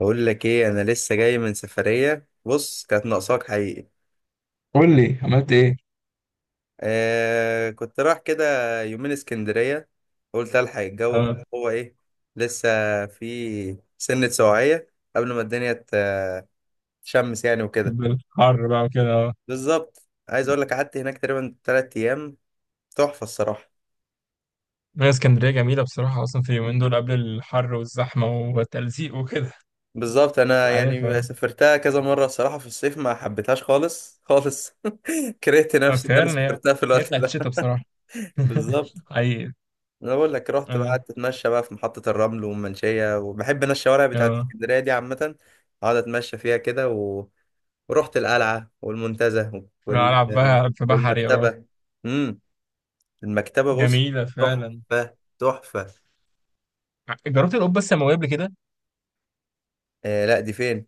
بقول لك ايه، انا لسه جاي من سفريه. بص، كانت ناقصاك حقيقي. قول لي عملت ايه. آه كنت رايح كده يومين اسكندريه. قلت الحق الجو اه هو ايه. لسه في سنه سواعيه قبل ما الدنيا تشمس يعني وكده. الحر بقى وكده اه. بالظبط، عايز اقول لك قعدت هناك تقريبا 3 ايام. تحفه الصراحه. هي اسكندرية جميلة بصراحة أصلا في اليومين دول قبل الحر والزحمة والتلزيق وكده. بالظبط، أنت انا عارف يعني اه. سافرتها كذا مره. الصراحه في الصيف ما حبيتهاش خالص خالص. كرهت نفسي ان انا فعلا هي سافرتها في هي الوقت بتاعت ده. الشتا بصراحة. بالظبط. حقيقي. انا بقول لك رحت بقى اه قعدت اتمشى بقى في محطة الرمل والمنشية، وبحب انا الشوارع بتاعت اه اسكندرية دي عامة. اقعد اتمشى فيها كده و... ورحت القلعة والمنتزه أنا وال... ألعب بقى في بحري اه. والمكتبة. امم المكتبة بص، جميلة فعلا. تحفة تحفة. جربت القبة السماوية قبل كده؟ آه لا، دي فين؟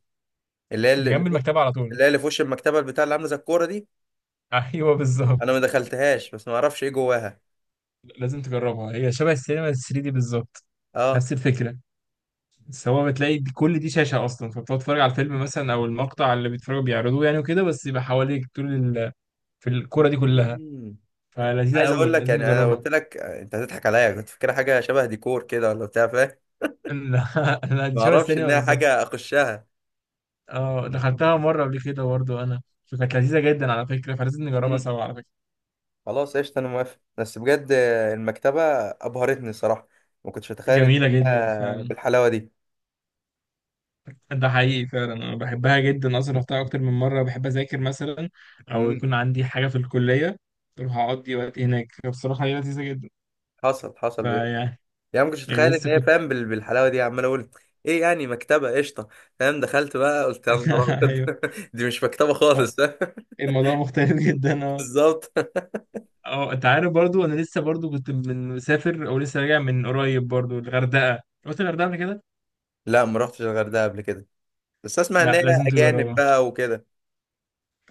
اللي هي دي اللي جنب في وش المكتبة على طول. اللي هي اللي في وش المكتبة البتاع، اللي عاملة زي الكورة دي. أيوه انا ما بالظبط. دخلتهاش، بس ما اعرفش ايه جواها. لازم تجربها، هي شبه السينما 3D دي بالظبط، اه. نفس الفكرة. بس هو بتلاقي كل دي شاشة أصلا، فبتقعد تتفرج على الفيلم مثلا أو المقطع اللي بيتفرجوا بيعرضوه يعني وكده، بس يبقى حواليك طول ال... في الكورة دي كلها. مم. فلذيذة عايز اقول قوي لك لازم يعني انا لو نجربها. قلت لك آه، انت هتضحك عليا. كنت فاكرها حاجة شبه ديكور كده ولا بتاع، فاهم؟ لا لا، دي ما شبه اعرفش ان السينما هي بالظبط. حاجه اخشها. اه دخلتها مرة قبل كده برضه أنا، فكانت لذيذة جدا على فكرة، فلازم نجربها امم. سوا على فكرة. خلاص قشطه، انا موافق بس بجد. المكتبه ابهرتني صراحه. ما كنتش اتخيل ان جميلة جدا هي فعلا. بالحلاوه دي. ده حقيقي فعلا، أنا بحبها جدا أصلا، رحتها أكتر من مرة، بحب أذاكر مثلا أو امم. يكون عندي حاجة في الكلية أروح أقضي وقت هناك، فبصراحة هي لذيذة جدا. حصل حصل بجد. فيعني يعني ما كنتش يعني اتخيل ان لسه هي، كنت. فاهم، بالحلاوه دي. عمال اقول ايه يعني؟ مكتبه قشطه فاهم. دخلت بقى قلت يا نهار أيوه. ابيض، دي مش مكتبه آه، خالص. الموضوع مختلف جدا اه. بالظبط. اه انت عارف برضو انا لسه برضو كنت من مسافر او لسه راجع من قريب برضو الغردقه، رحت الغردقه قبل كده؟ لا، ما رحتش الغردقه قبل كده، بس اسمع ان لا هي لازم اجانب تجربها. بقى وكده.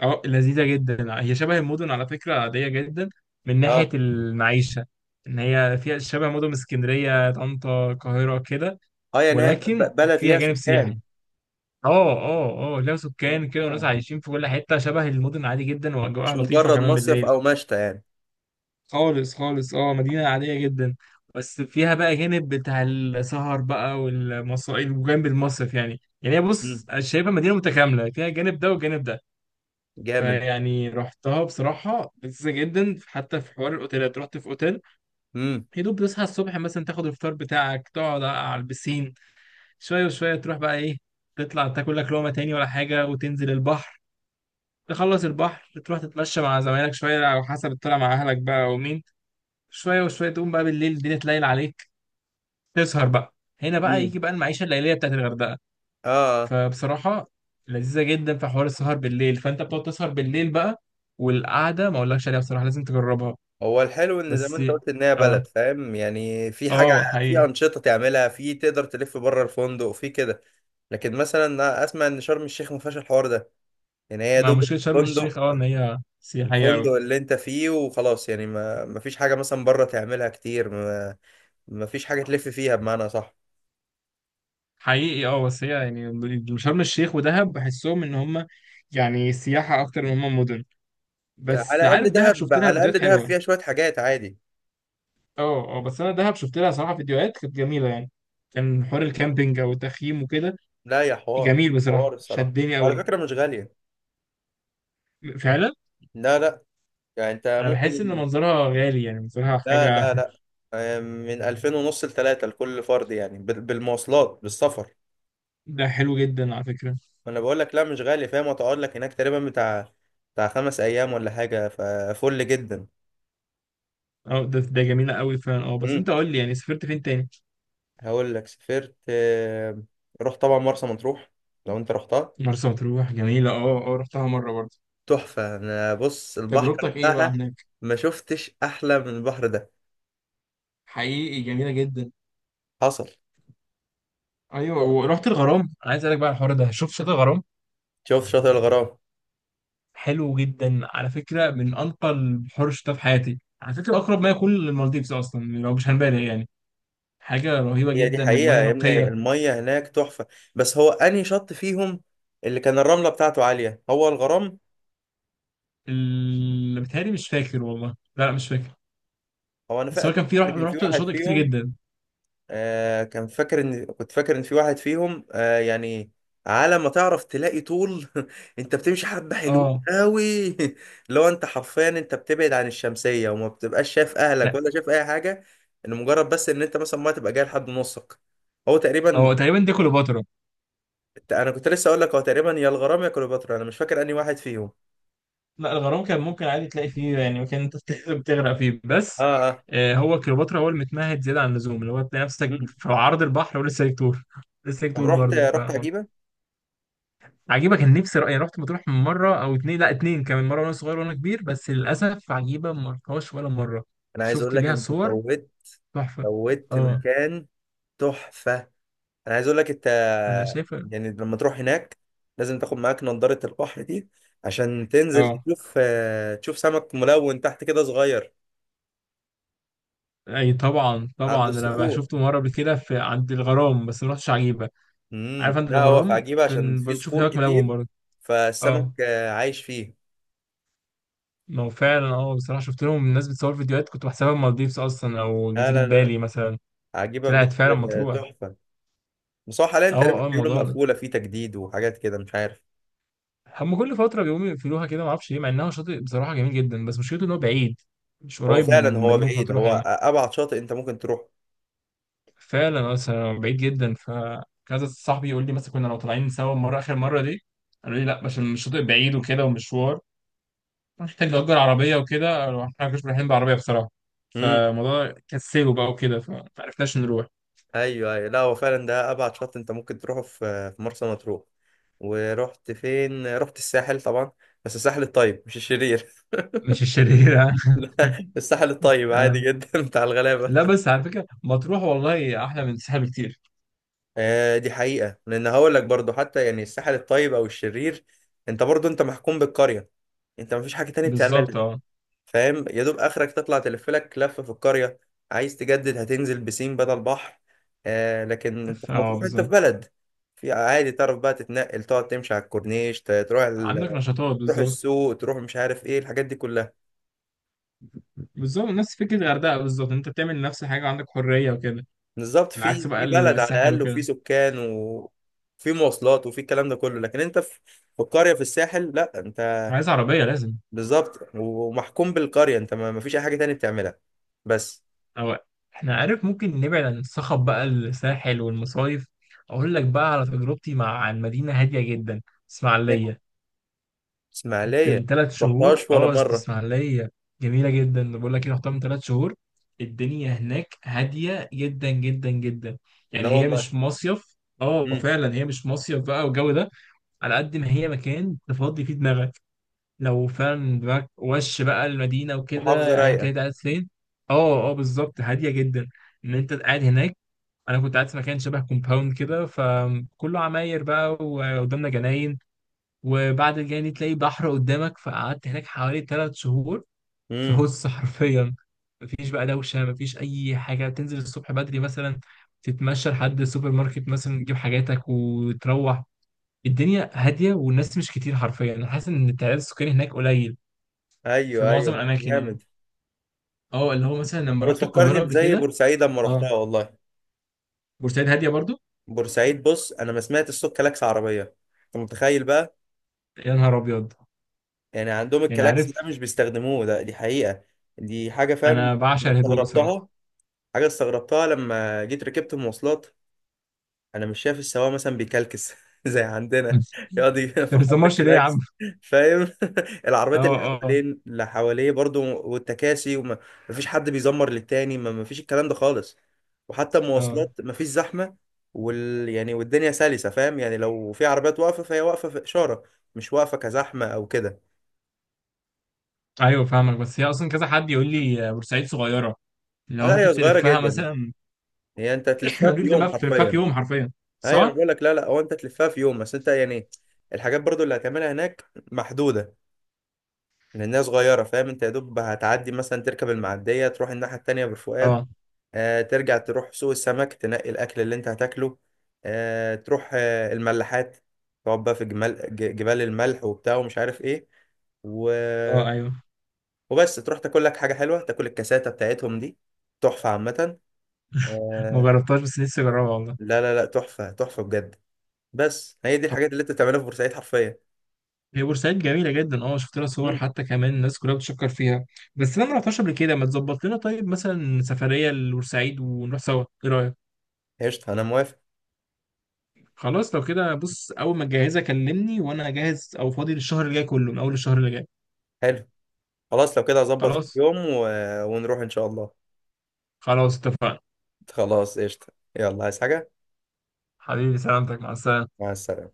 اه لذيذه جدا، هي شبه المدن على فكره، عاديه جدا من ناحيه اه المعيشه. ان هي فيها شبه مدن اسكندريه طنطا القاهره كده، اه، يعني هي ولكن بلد فيها ليها جانب سكان. سياحي. اه اه اه ليها سكان كده وناس اه، عايشين في كل حته شبه المدن عادي جدا، مش واجواءها لطيفه مجرد كمان مصيف بالليل. او مشتى يعني. خالص خالص، اه مدينة عادية جدا، بس فيها بقى جانب بتاع السهر بقى والمصائل وجنب المصرف يعني. يعني هي بص أنا شايفها مدينة متكاملة، فيها الجانب ده والجانب ده. جامد. فيعني رحتها بصراحة لذيذة جدا، حتى في حوار الأوتيلات، رحت في أوتيل، امم. يا دوب تصحى الصبح مثلا تاخد الفطار بتاعك تقعد على البسين شوية وشوية تروح بقى إيه، تطلع تاكل لك لقمة تاني ولا حاجة وتنزل البحر، تخلص البحر تروح تتمشى مع زمايلك شوية أو حسب الطلعة مع أهلك بقى ومين، شويه وشويه تقوم بقى بالليل الدنيا تليل عليك تسهر بقى. هنا بقى امم. يجي بقى المعيشه الليليه بتاعت الغردقه. اه آه. فبصراحه لذيذه جدا في حوار السهر بالليل، فانت بتقعد تسهر بالليل بقى، والقعده ما اقولكش عليها بصراحه، لازم تجربها. هو الحلو ان زي ما بس انت قلت ان هي اه. بلد، فاهم، يعني في حاجه. اه في حقيقي. انشطه تعملها، في تقدر تلف بره الفندق في كده. لكن مثلا أنا اسمع ان شرم الشيخ ما فيهاش الحوار ده. يعني هي يا مع دوب مشكله شرم الشيخ الفندق، اه ان هي سياحيه الفندق قوي. اللي انت فيه وخلاص. يعني ما فيش حاجه مثلا بره تعملها كتير. ما ما فيش حاجه تلف فيها بمعنى صح. حقيقي اه بس هي يعني شرم الشيخ ودهب بحسهم ان هم يعني سياحه اكتر من هم مدن. على بس الاقل عارف دهب دهب، شفت على لها الاقل فيديوهات دهب حلوه. فيها شويه حاجات عادي. اه اه بس انا دهب شفت لها صراحه فيديوهات كانت جميله يعني، كان حوار الكامبينج او التخييم وكده، لا يا حوار، جميل بصراحه حوار الصراحه شدني وعلى قوي. فكره مش غاليه. فعلا. لا لا، يعني انت انا بحس ان ممكن. منظرها غالي يعني منظرها لا حاجه. لا لا، آه، من 2000 ونص لتلاتة لكل فرد، يعني بالمواصلات بالسفر. ده حلو جدا على فكره. ما انا بقول لك لا، مش غالي فاهم. وتقعد لك هناك تقريبا بتاع، بتاع خمس ايام ولا حاجه. ففل جدا. اه ده ده جميله قوي فعلا اه. بس امم. انت قول لي يعني سافرت فين تاني؟ هقول لك سافرت آه، رحت طبعا مرسى مطروح. لو انت رحتها، مرسى مطروح جميله اه اه، رحتها مره برضه. تحفه. انا بص البحر تجربتك ايه بقى بتاعها هناك؟ ما شفتش احلى من البحر ده. حقيقي جميله جدا. حصل. ايوه ورحت الغرام، أنا عايز اسالك بقى على الحوار ده، شوف شاطئ الغرام شوف شاطئ الغرام. حلو جدا على فكرة، من أنقى البحور اللي شفتها في حياتي على فكرة، أقرب ما يكون للمالديفز أصلا يعني لو مش هنبالغ يعني، حاجة رهيبة هي دي جدا حقيقة ومياه يا ابني، نقية. المية هناك تحفة. بس هو أنهي شط فيهم اللي كان الرملة بتاعته عالية؟ هو الغرام. اللي بتهيألي مش فاكر والله. لا لا مش فاكر. هو أنا بس هو فاكر كان في إن كان في رحت واحد شاطئ كتير فيهم، جدا. آه كان فاكر، إن كنت فاكر إن في واحد فيهم آه يعني، على ما تعرف تلاقي طول. أنت بتمشي حبة حلوين اه أوي. لو أنت حرفيا أنت بتبعد عن الشمسية، وما بتبقاش شايف لا أهلك ولا شايف أي حاجة. إن مجرد بس إن أنت مثلا ما تبقى جاي لحد نصك. هو تقريبا. هو تقريبا دي كليوباترا. أنا كنت لسه أقول لك، هو تقريبا يا الغرام يا كليوباترا، أنا مش فاكر أنهي واحد فيهم. لا الغرام كان ممكن عادي تلاقي فيه يعني مكان أنت بتغرق فيه اه بس. اه. آه هو كليوباترا هو المتمهد زيادة عن اللزوم، اللي هو تلاقي نفسك مم. في عرض البحر ولسه ليك طول. لسه ليك طب طول رحت، برضه. رحت عجيبة؟ عجيبة كان نفسي رأيي، رحت مطروح من مرة أو اتنين، لا اتنين كمان مرة، وأنا صغير وأنا كبير، بس للأسف عجيبة ما رحتهاش ولا مرة. انا عايز اقول شفت لك ليها انت صور فوت، تحفة فوت اه. مكان تحفة. انا عايز اقول لك انت، أنا شايفة. يعني لما تروح هناك لازم تاخد معاك نضارة البحر دي، عشان تنزل اه تشوف آه، تشوف سمك ملون تحت كده صغير. أي طبعا عند طبعا، أنا بقى الصخور. شفته مرة قبل كده في عند الغرام، بس ما رحتش عجيبة. عارف عند لا، هو في الغرام عجيبة عشان كان في بنشوف صخور هناك ملون كتير، برضه. فالسمك اه آه، عايش فيه. ما هو فعلا اه، بصراحة شفت لهم الناس بتصور فيديوهات كنت بحسبها مالديفز أصلا أو لا جزيرة لا لا لا. بالي مثلا. عجيبة طلعت بجد. فعلا آه، مطروح. تحفة. بس هو حاليا اه تقريبا اه بيقولوا الموضوع مقفولة في تجديد وحاجات كده، مش عارف. هم كل فترة بيقوموا يقفلوها كده معرفش ليه، مع انها شاطئ بصراحة جميل جدا، بس مشكلته ان هو بعيد، مش هو قريب فعلا من هو مدينة بعيد. مطروح هو يعني. ابعد شاطئ انت ممكن تروح. فعلا اصلا بعيد جدا، فكذا صاحبي يقول لي مثلا كنا لو طالعين سوا المرة اخر مرة دي، قالوا لي لا عشان الشاطئ بعيد وكده ومشوار، محتاج نأجر عربية وكده، قالوا احنا ما كناش رايحين بعربية بصراحة، امم. فالموضوع كسله بقى وكده، فمعرفناش نروح. ايوه ايوه، لا هو فعلا ده ابعد شاطئ انت ممكن تروحه في في مرسى مطروح. ورحت فين؟ رحت الساحل طبعا، بس الساحل الطيب مش الشرير. مش الشريرة. لا، الساحل الطيب آه. عادي جدا. بتاع الغلابه. لا بس على فكرة مطروح والله أحلى من الساحل بكتير. آه دي حقيقه، لان هقول لك برضو، حتى يعني الساحل الطيب او الشرير، انت برضو انت محكوم بالقريه. انت مفيش حاجه تانية بتعملها، بالظبط اه. فاهم. يا دوب اخرك تطلع تلف لك لفه في القريه. عايز تجدد هتنزل بسين بدل بحر. آه لكن انت في اه مطروح انت في بالظبط. بلد، في عادي تعرف بقى تتنقل، تقعد تمشي على الكورنيش، تروح ال... عندك نشاطات تروح بالظبط. السوق، تروح مش عارف ايه الحاجات دي كلها. بالظبط، نفس فكرة الغردقة بالظبط، انت بتعمل نفس الحاجة وعندك حرية وكده. بالظبط، العكس في بقى في بلد على الساحل الاقل، وفي وكده. سكان، وفي مواصلات، وفي الكلام ده كله. لكن انت في، في القريه في الساحل، لا انت، عايز عربية لازم. بالظبط، ومحكوم بالقريه، انت ما فيش اي حاجه تانية بتعملها بس. أو احنا عارف ممكن نبعد عن الصخب بقى الساحل والمصايف، أقول لك بقى على تجربتي مع عن مدينة هادية جدا، إيه. اسماعيلية. كنت اسماعيليه؟ من ثلاث ما شهور رحتهاش ولا اه أصل مره. اسماعيلية جميلة جدا، بقول لك ايه رحتها من ثلاث شهور، الدنيا هناك هادية جدا جدا جدا، لا يعني هي والله. مش مصيف، اه امم. فعلا هي مش مصيف بقى والجو ده، على قد ما هي مكان تفضي فيه دماغك لو فعلا دماغك وش بقى المدينة محافظة وكده أيا رايقة. كانت قاعد فين. اه اه بالظبط هادية جدا. إن أنت قاعد هناك، أنا كنت قاعد في مكان شبه كومباوند كده، فكله عماير بقى وقدامنا جناين، وبعد الجناين تلاقي بحر قدامك، فقعدت هناك حوالي ثلاث شهور في امم. هوس حرفيا، مفيش بقى دوشة، مفيش أي حاجة، تنزل الصبح بدري مثلا تتمشى لحد السوبر ماركت مثلا تجيب حاجاتك وتروح، الدنيا هادية والناس مش كتير، حرفيا أنا حاسس إن التعداد السكاني هناك قليل في ايوه معظم ايوه الاماكن يعني. جامد. اه اللي هو مثلا لما طب رحت بتفكرني القاهره قبل بزي كده. بورسعيد، اما رحتها اه والله. بورسعيد هاديه برضو. بورسعيد بص، انا ما سمعت صوت كلاكس عربية، انت متخيل بقى؟ يا نهار ابيض. يعني عندهم يعني الكلاكس ده مش عارف بيستخدموه. ده دي حقيقة. دي حاجة، فاهم، انا بعشق الهدوء بصراحه. استغربتها. حاجة استغربتها لما جيت ركبت مواصلات، انا مش شايف السواق مثلا بيكلكس زي عندنا، يقعد انت ما فرحان بتزمرش ليه يا عم؟ بالكلاكس، فاهم. العربيات اه اللي اه حوالين، اللي حواليه برضو، والتكاسي، مفيش حد بيزمر للتاني. ما مفيش الكلام ده خالص. وحتى اه. المواصلات مفيش زحمة. وال، يعني والدنيا سلسة، فاهم يعني، لو في عربيات واقفة فهي واقفة في إشارة، مش واقفة كزحمة أو كده. ايوه فاهمك، بس هي اصلا كذا حد يقول لي بورسعيد صغيره، اللي آه، هو لا هي ممكن صغيرة تلفها جدا. مثلا. هي أنت تلفها قالوا في لي يوم بقى في حرفيا. يوم حرفيا، أيوة أنا صح؟ بقول لك، لا لا، هو أنت تلفها في يوم بس أنت يعني الحاجات برضو اللي هتعملها هناك محدودة، لأنها صغيرة، فاهم. أنت يا دوب هتعدي مثلا تركب المعدية، تروح الناحية التانية بالفؤاد، اه آه ترجع تروح سوق السمك تنقي الأكل اللي أنت هتاكله، آه تروح آه الملاحات، تقعد بقى في جمال جبال الملح وبتاع ومش عارف إيه و... اه ايوه. وبس تروح تاكل لك حاجة حلوة، تاكل الكاساتة بتاعتهم دي، تحفة عامة. ما آه... جربتهاش بس نفسي اجربها والله. لا لا لا، تحفة تحفة بجد. بس هي دي الحاجات اللي انت بتعملها في بورسعيد حرفيا. هي بورسعيد جميلة جدا اه، شفت لها صور، مم. حتى كمان الناس كلها بتشكر فيها. بس انا ما رحتهاش قبل كده، ما تظبط لنا طيب مثلا سفرية لبورسعيد ونروح سوا، ايه رأيك؟ قشطة أنا موافق. خلاص لو كده بص، اول ما تجهزها كلمني وانا جاهز او فاضي للشهر اللي جاي كله، من اول الشهر اللي جاي. حلو. خلاص لو كده هظبط في خلاص. يوم و... ونروح إن شاء الله. خلاص اتفقنا. خلاص قشطة. يلا، عايز حاجة؟ حبيبي سلامتك، مع السلامة. مع السلامة.